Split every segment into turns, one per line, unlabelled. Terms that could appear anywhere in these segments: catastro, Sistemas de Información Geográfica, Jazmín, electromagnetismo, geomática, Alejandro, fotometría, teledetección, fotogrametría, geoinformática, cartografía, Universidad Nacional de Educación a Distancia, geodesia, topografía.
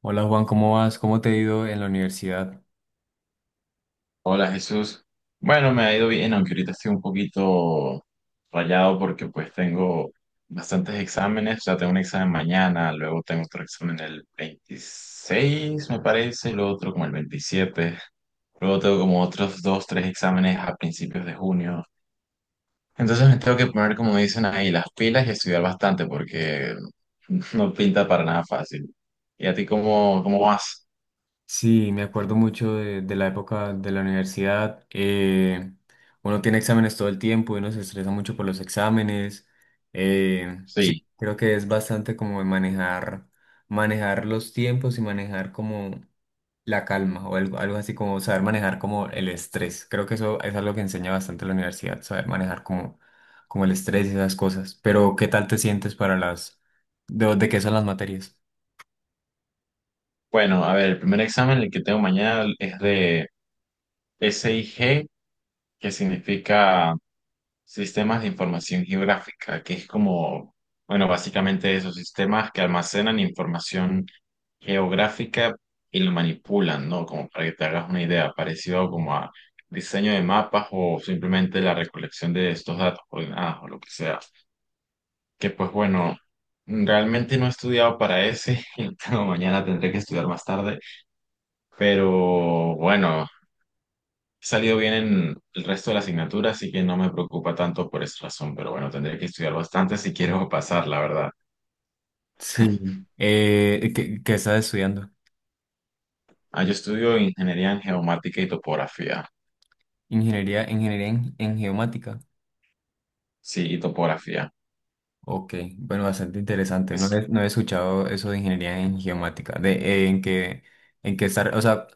Hola Juan, ¿cómo vas? ¿Cómo te ha ido en la universidad?
Hola Jesús. Bueno, me ha ido bien, aunque ahorita estoy un poquito rayado porque pues tengo bastantes exámenes, o sea, tengo un examen mañana, luego tengo otro examen el 26, me parece, y luego otro como el 27. Luego tengo como otros dos, tres exámenes a principios de junio. Entonces me tengo que poner, como dicen ahí, las pilas y estudiar bastante porque no pinta para nada fácil. ¿Y a ti cómo vas?
Sí, me acuerdo mucho de la época de la universidad. Uno tiene exámenes todo el tiempo y uno se estresa mucho por los exámenes. Sí,
Sí.
creo que es bastante como de manejar los tiempos y manejar como la calma o algo así como saber manejar como el estrés. Creo que eso es algo que enseña bastante la universidad, saber manejar como el estrés y esas cosas. Pero, ¿qué tal te sientes para de qué son las materias?
Bueno, a ver, el primer examen, el que tengo mañana, es de SIG, que significa Sistemas de Información Geográfica, que es como, bueno, básicamente esos sistemas que almacenan información geográfica y lo manipulan, ¿no? Como para que te hagas una idea, parecido como a diseño de mapas o simplemente la recolección de estos datos coordenados o lo que sea. Que pues bueno, realmente no he estudiado para ese, y mañana tendré que estudiar más tarde, pero bueno. He salido bien en el resto de la asignatura, así que no me preocupa tanto por esa razón, pero bueno, tendré que estudiar bastante si quiero pasar, la verdad.
Sí. ¿ qué estás estudiando?
Ah, yo estudio ingeniería en geomática y topografía.
Ingeniería en geomática.
Sí, y topografía.
Ok, bueno, bastante interesante.
Es,
No he escuchado eso de ingeniería en geomática. O sea,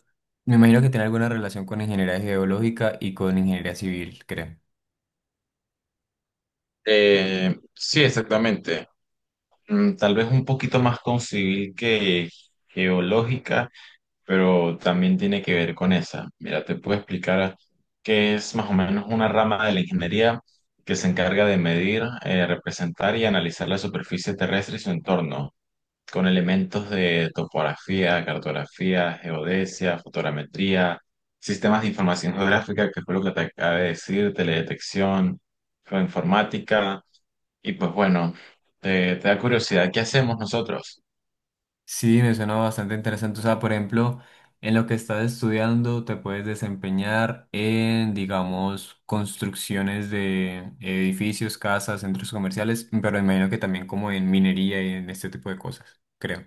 me imagino que tiene alguna relación con ingeniería geológica y con ingeniería civil, creo.
sí, exactamente. Tal vez un poquito más con civil que geológica, pero también tiene que ver con esa. Mira, te puedo explicar qué es más o menos una rama de la ingeniería que se encarga de medir, representar y analizar la superficie terrestre y su entorno. Con elementos de topografía, cartografía, geodesia, fotogrametría, sistemas de información geográfica, que fue lo que te acabé de decir, teledetección, geoinformática. Y pues bueno, te da curiosidad, ¿qué hacemos nosotros?
Sí, me suena bastante interesante. O sea, por ejemplo, en lo que estás estudiando te puedes desempeñar en, digamos, construcciones de edificios, casas, centros comerciales, pero me imagino que también como en minería y en este tipo de cosas, creo.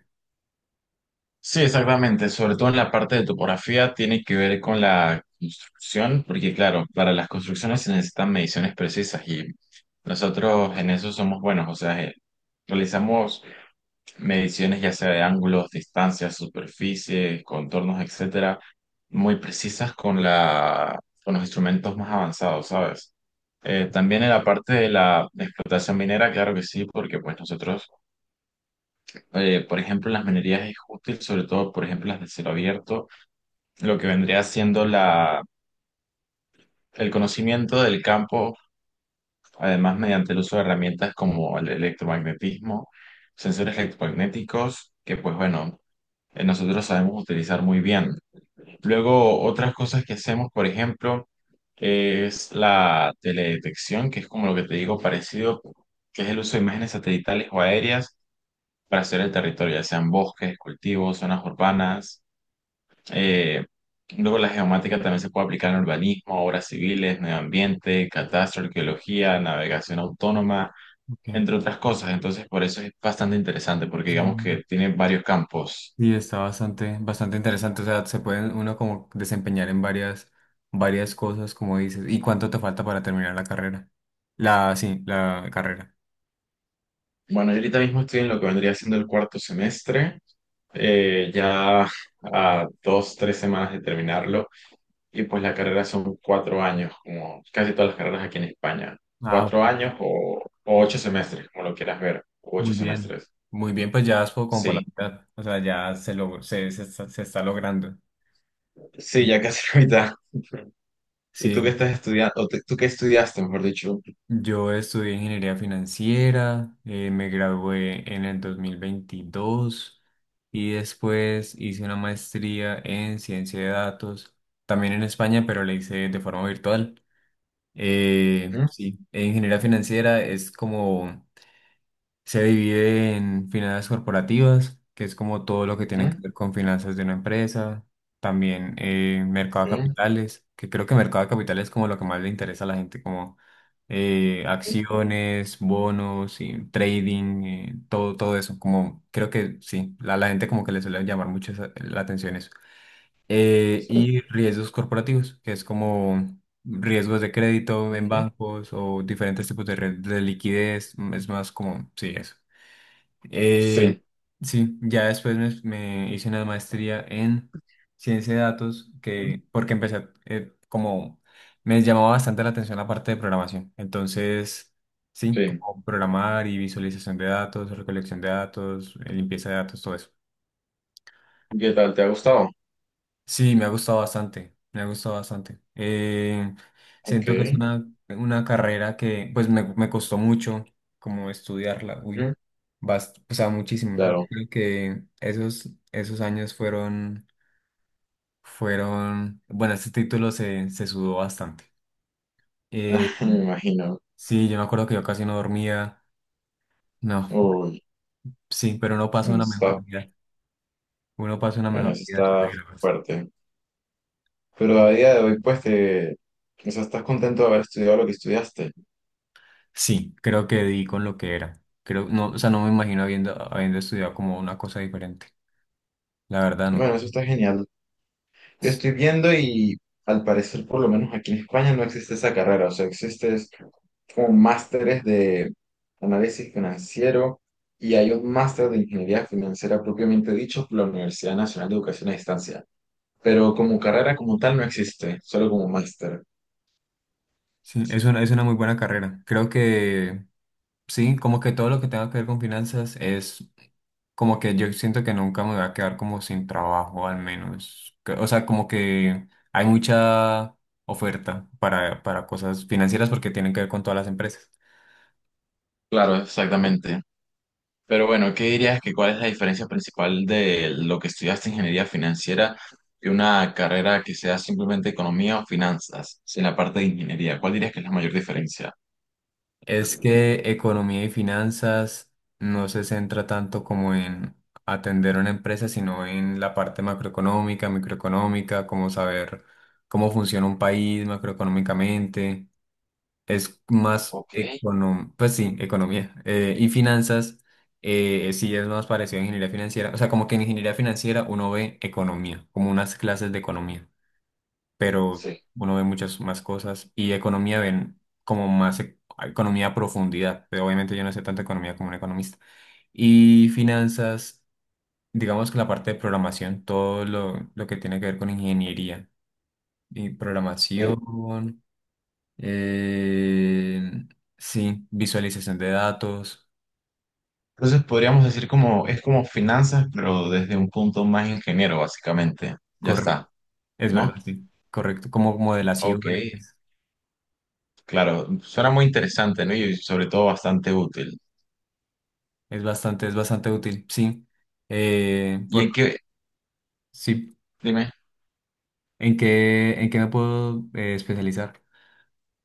Sí, exactamente, sobre todo en la parte de topografía tiene que ver con la construcción, porque claro, para las construcciones se necesitan mediciones precisas y nosotros en eso somos buenos, o sea, realizamos mediciones ya sea de ángulos, distancias, superficies, contornos, etcétera, muy precisas con los instrumentos más avanzados, ¿sabes? También en la parte de la explotación minera, claro que sí, porque pues nosotros, por ejemplo, en las minerías es útil, sobre todo, por ejemplo, las de cielo abierto, lo que vendría siendo el conocimiento del campo, además mediante el uso de herramientas como el electromagnetismo, sensores electromagnéticos, que pues bueno, nosotros sabemos utilizar muy bien. Luego, otras cosas que hacemos, por ejemplo, es la teledetección, que es como lo que te digo parecido, que es el uso de imágenes satelitales o aéreas para hacer el territorio, ya sean bosques, cultivos, zonas urbanas. Eh, Luego, la geomática también se puede aplicar en urbanismo, obras civiles, medio ambiente, catastro, arqueología, navegación autónoma,
Okay.
entre otras cosas. Entonces, por eso es bastante interesante, porque digamos
Mm.
que tiene varios campos.
Y está bastante interesante. O sea, se puede uno como desempeñar en varias cosas, como dices. ¿Y cuánto te falta para terminar la carrera? La carrera.
Bueno, yo ahorita mismo estoy en lo que vendría siendo el cuarto semestre. Ya a dos, tres semanas de terminarlo. Y pues la carrera son 4 años, como casi todas las carreras aquí en España.
Ah.
4 años o 8 semestres, como lo quieras ver. O ocho
Muy bien.
semestres.
Muy bien, pues ya como por la
Sí,
mitad. O sea, ya se, lo, se, se está logrando.
sí, ya casi la mitad. ¿Y tú qué
Sí,
estás estudiando? ¿O tú qué estudiaste, mejor dicho?
yo estudié ingeniería financiera, me gradué en el 2022 y después hice una maestría en ciencia de datos, también en España, pero la hice de forma virtual.
Ujú,
Sí, en ingeniería financiera es como. Se divide en finanzas corporativas, que es como todo lo que tiene
ujú,
que ver con finanzas de una empresa. También mercado
sí,
de capitales, que creo que mercado de capitales es como lo que más le interesa a la gente, como
sí,
acciones, bonos, y trading, todo eso. Como creo que sí, la gente como que le suele llamar mucho la atención eso.
sí.
Y riesgos corporativos, que es como riesgos de crédito en
Ujú,
bancos o diferentes tipos de red de liquidez. Es más como, sí, eso. Eh,
sí,
sí, ya después me hice una maestría en ciencia de datos
ujú,
porque como me llamaba bastante la atención la parte de programación. Entonces, sí,
sí.
como programar y visualización de datos, recolección de datos, limpieza de datos, todo eso.
¿Qué tal? ¿Te ha gustado?
Sí, me ha gustado bastante, me ha gustado bastante.
Ok.
Siento que es una carrera que pues me costó mucho como estudiarla, uy,
Ujú,
o sea, muchísimo. Yo
claro.
creo que esos años fueron bueno, este título se sudó bastante. Eh,
Me imagino.
sí, yo me acuerdo que yo casi no dormía, no,
Uy,
sí, pero uno pasa una
está,
mejor vida, uno pasa una
bueno,
mejor
eso
vida.
está fuerte. Pero a día de hoy, pues o sea, estás contento de haber estudiado lo que estudiaste.
Sí, creo que di con lo que era. Creo, no, o sea, no me imagino habiendo estudiado como una cosa diferente. La verdad,
Y
no.
bueno, eso está genial. Yo estoy viendo y al parecer, por lo menos aquí en España, no existe esa carrera. O sea, existe es como másteres de análisis financiero y hay un máster de ingeniería financiera propiamente dicho por la Universidad Nacional de Educación a Distancia. Pero como carrera como tal no existe, solo como máster.
Sí, es es una muy buena carrera. Creo que sí, como que todo lo que tenga que ver con finanzas es como que yo siento que nunca me voy a quedar como sin trabajo, al menos. O sea, como que hay mucha oferta para cosas financieras porque tienen que ver con todas las empresas.
Claro, exactamente. Pero bueno, ¿qué dirías que cuál es la diferencia principal de lo que estudiaste ingeniería financiera y una carrera que sea simplemente economía o finanzas, sin la parte de ingeniería? ¿Cuál dirías que es la mayor diferencia?
Es que economía y finanzas no se centra tanto como en atender una empresa, sino en la parte macroeconómica, microeconómica, como saber cómo funciona un país macroeconómicamente. Es más
Ok,
econom, pues sí, economía. Y finanzas sí es más parecido a ingeniería financiera. O sea, como que en ingeniería financiera uno ve economía, como unas clases de economía pero
sí.
uno ve muchas más cosas y economía ven como economía a profundidad, pero obviamente yo no sé tanto economía como un economista. Y finanzas, digamos que la parte de programación, todo lo que tiene que ver con ingeniería y programación, eh, sí, visualización de datos,
Entonces podríamos decir como es como finanzas, pero desde un punto más ingeniero, básicamente. Ya
correcto,
está,
es
¿no?
verdad, sí, correcto, como
Ok,
modelaciones,
claro, suena muy interesante, ¿no? Y sobre todo bastante útil.
es bastante útil, sí. Eh,
¿Y en
por,
qué?
sí,
Dime,
¿En en qué me puedo especializar?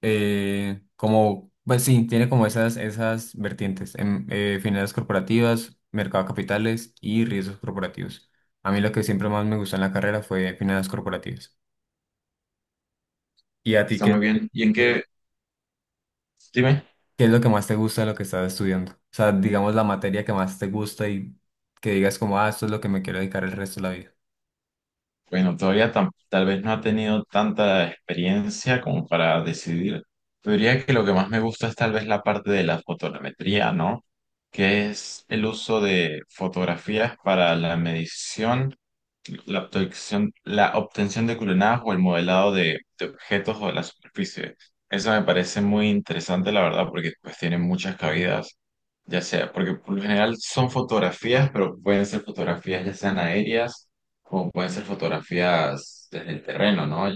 Pues sí, tiene como esas vertientes, en, finanzas corporativas, mercado de capitales y riesgos corporativos. A mí lo que siempre más me gustó en la carrera fue finanzas corporativas. ¿Y a ti
está
qué, es
muy
lo
bien. ¿Y en
que-
qué? Dime.
¿Qué es lo que más te gusta de lo que estás estudiando? O sea, digamos la materia que más te gusta y que digas como, ah, esto es lo que me quiero dedicar el resto de la vida.
Bueno, todavía tal vez no ha tenido tanta experiencia como para decidir. Yo diría que lo que más me gusta es tal vez la parte de la fotometría, ¿no? Que es el uso de fotografías para la medición la obtención de culenadas o el modelado de objetos o de la superficie. Eso me parece muy interesante, la verdad, porque pues tiene muchas cabidas, ya sea, porque por lo general son fotografías, pero pueden ser fotografías ya sean aéreas o pueden ser fotografías desde el terreno, ¿no?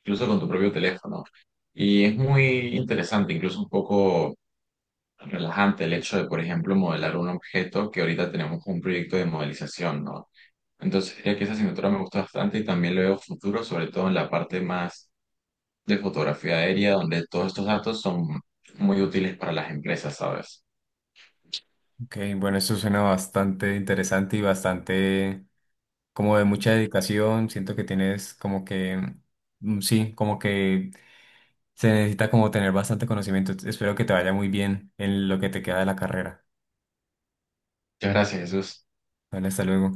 Incluso con tu propio teléfono. Y es muy interesante, incluso un poco relajante el hecho de, por ejemplo, modelar un objeto que ahorita tenemos un proyecto de modelización, ¿no? Entonces diría que esa asignatura me gusta bastante y también le veo futuro, sobre todo en la parte más de fotografía aérea, donde todos estos datos son muy útiles para las empresas, ¿sabes?
Ok, bueno, esto suena bastante interesante y bastante como de mucha dedicación, siento que tienes como que, sí, como que se necesita como tener bastante conocimiento. Espero que te vaya muy bien en lo que te queda de la carrera.
Muchas gracias, Jesús.
Vale, hasta luego.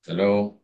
Hasta luego.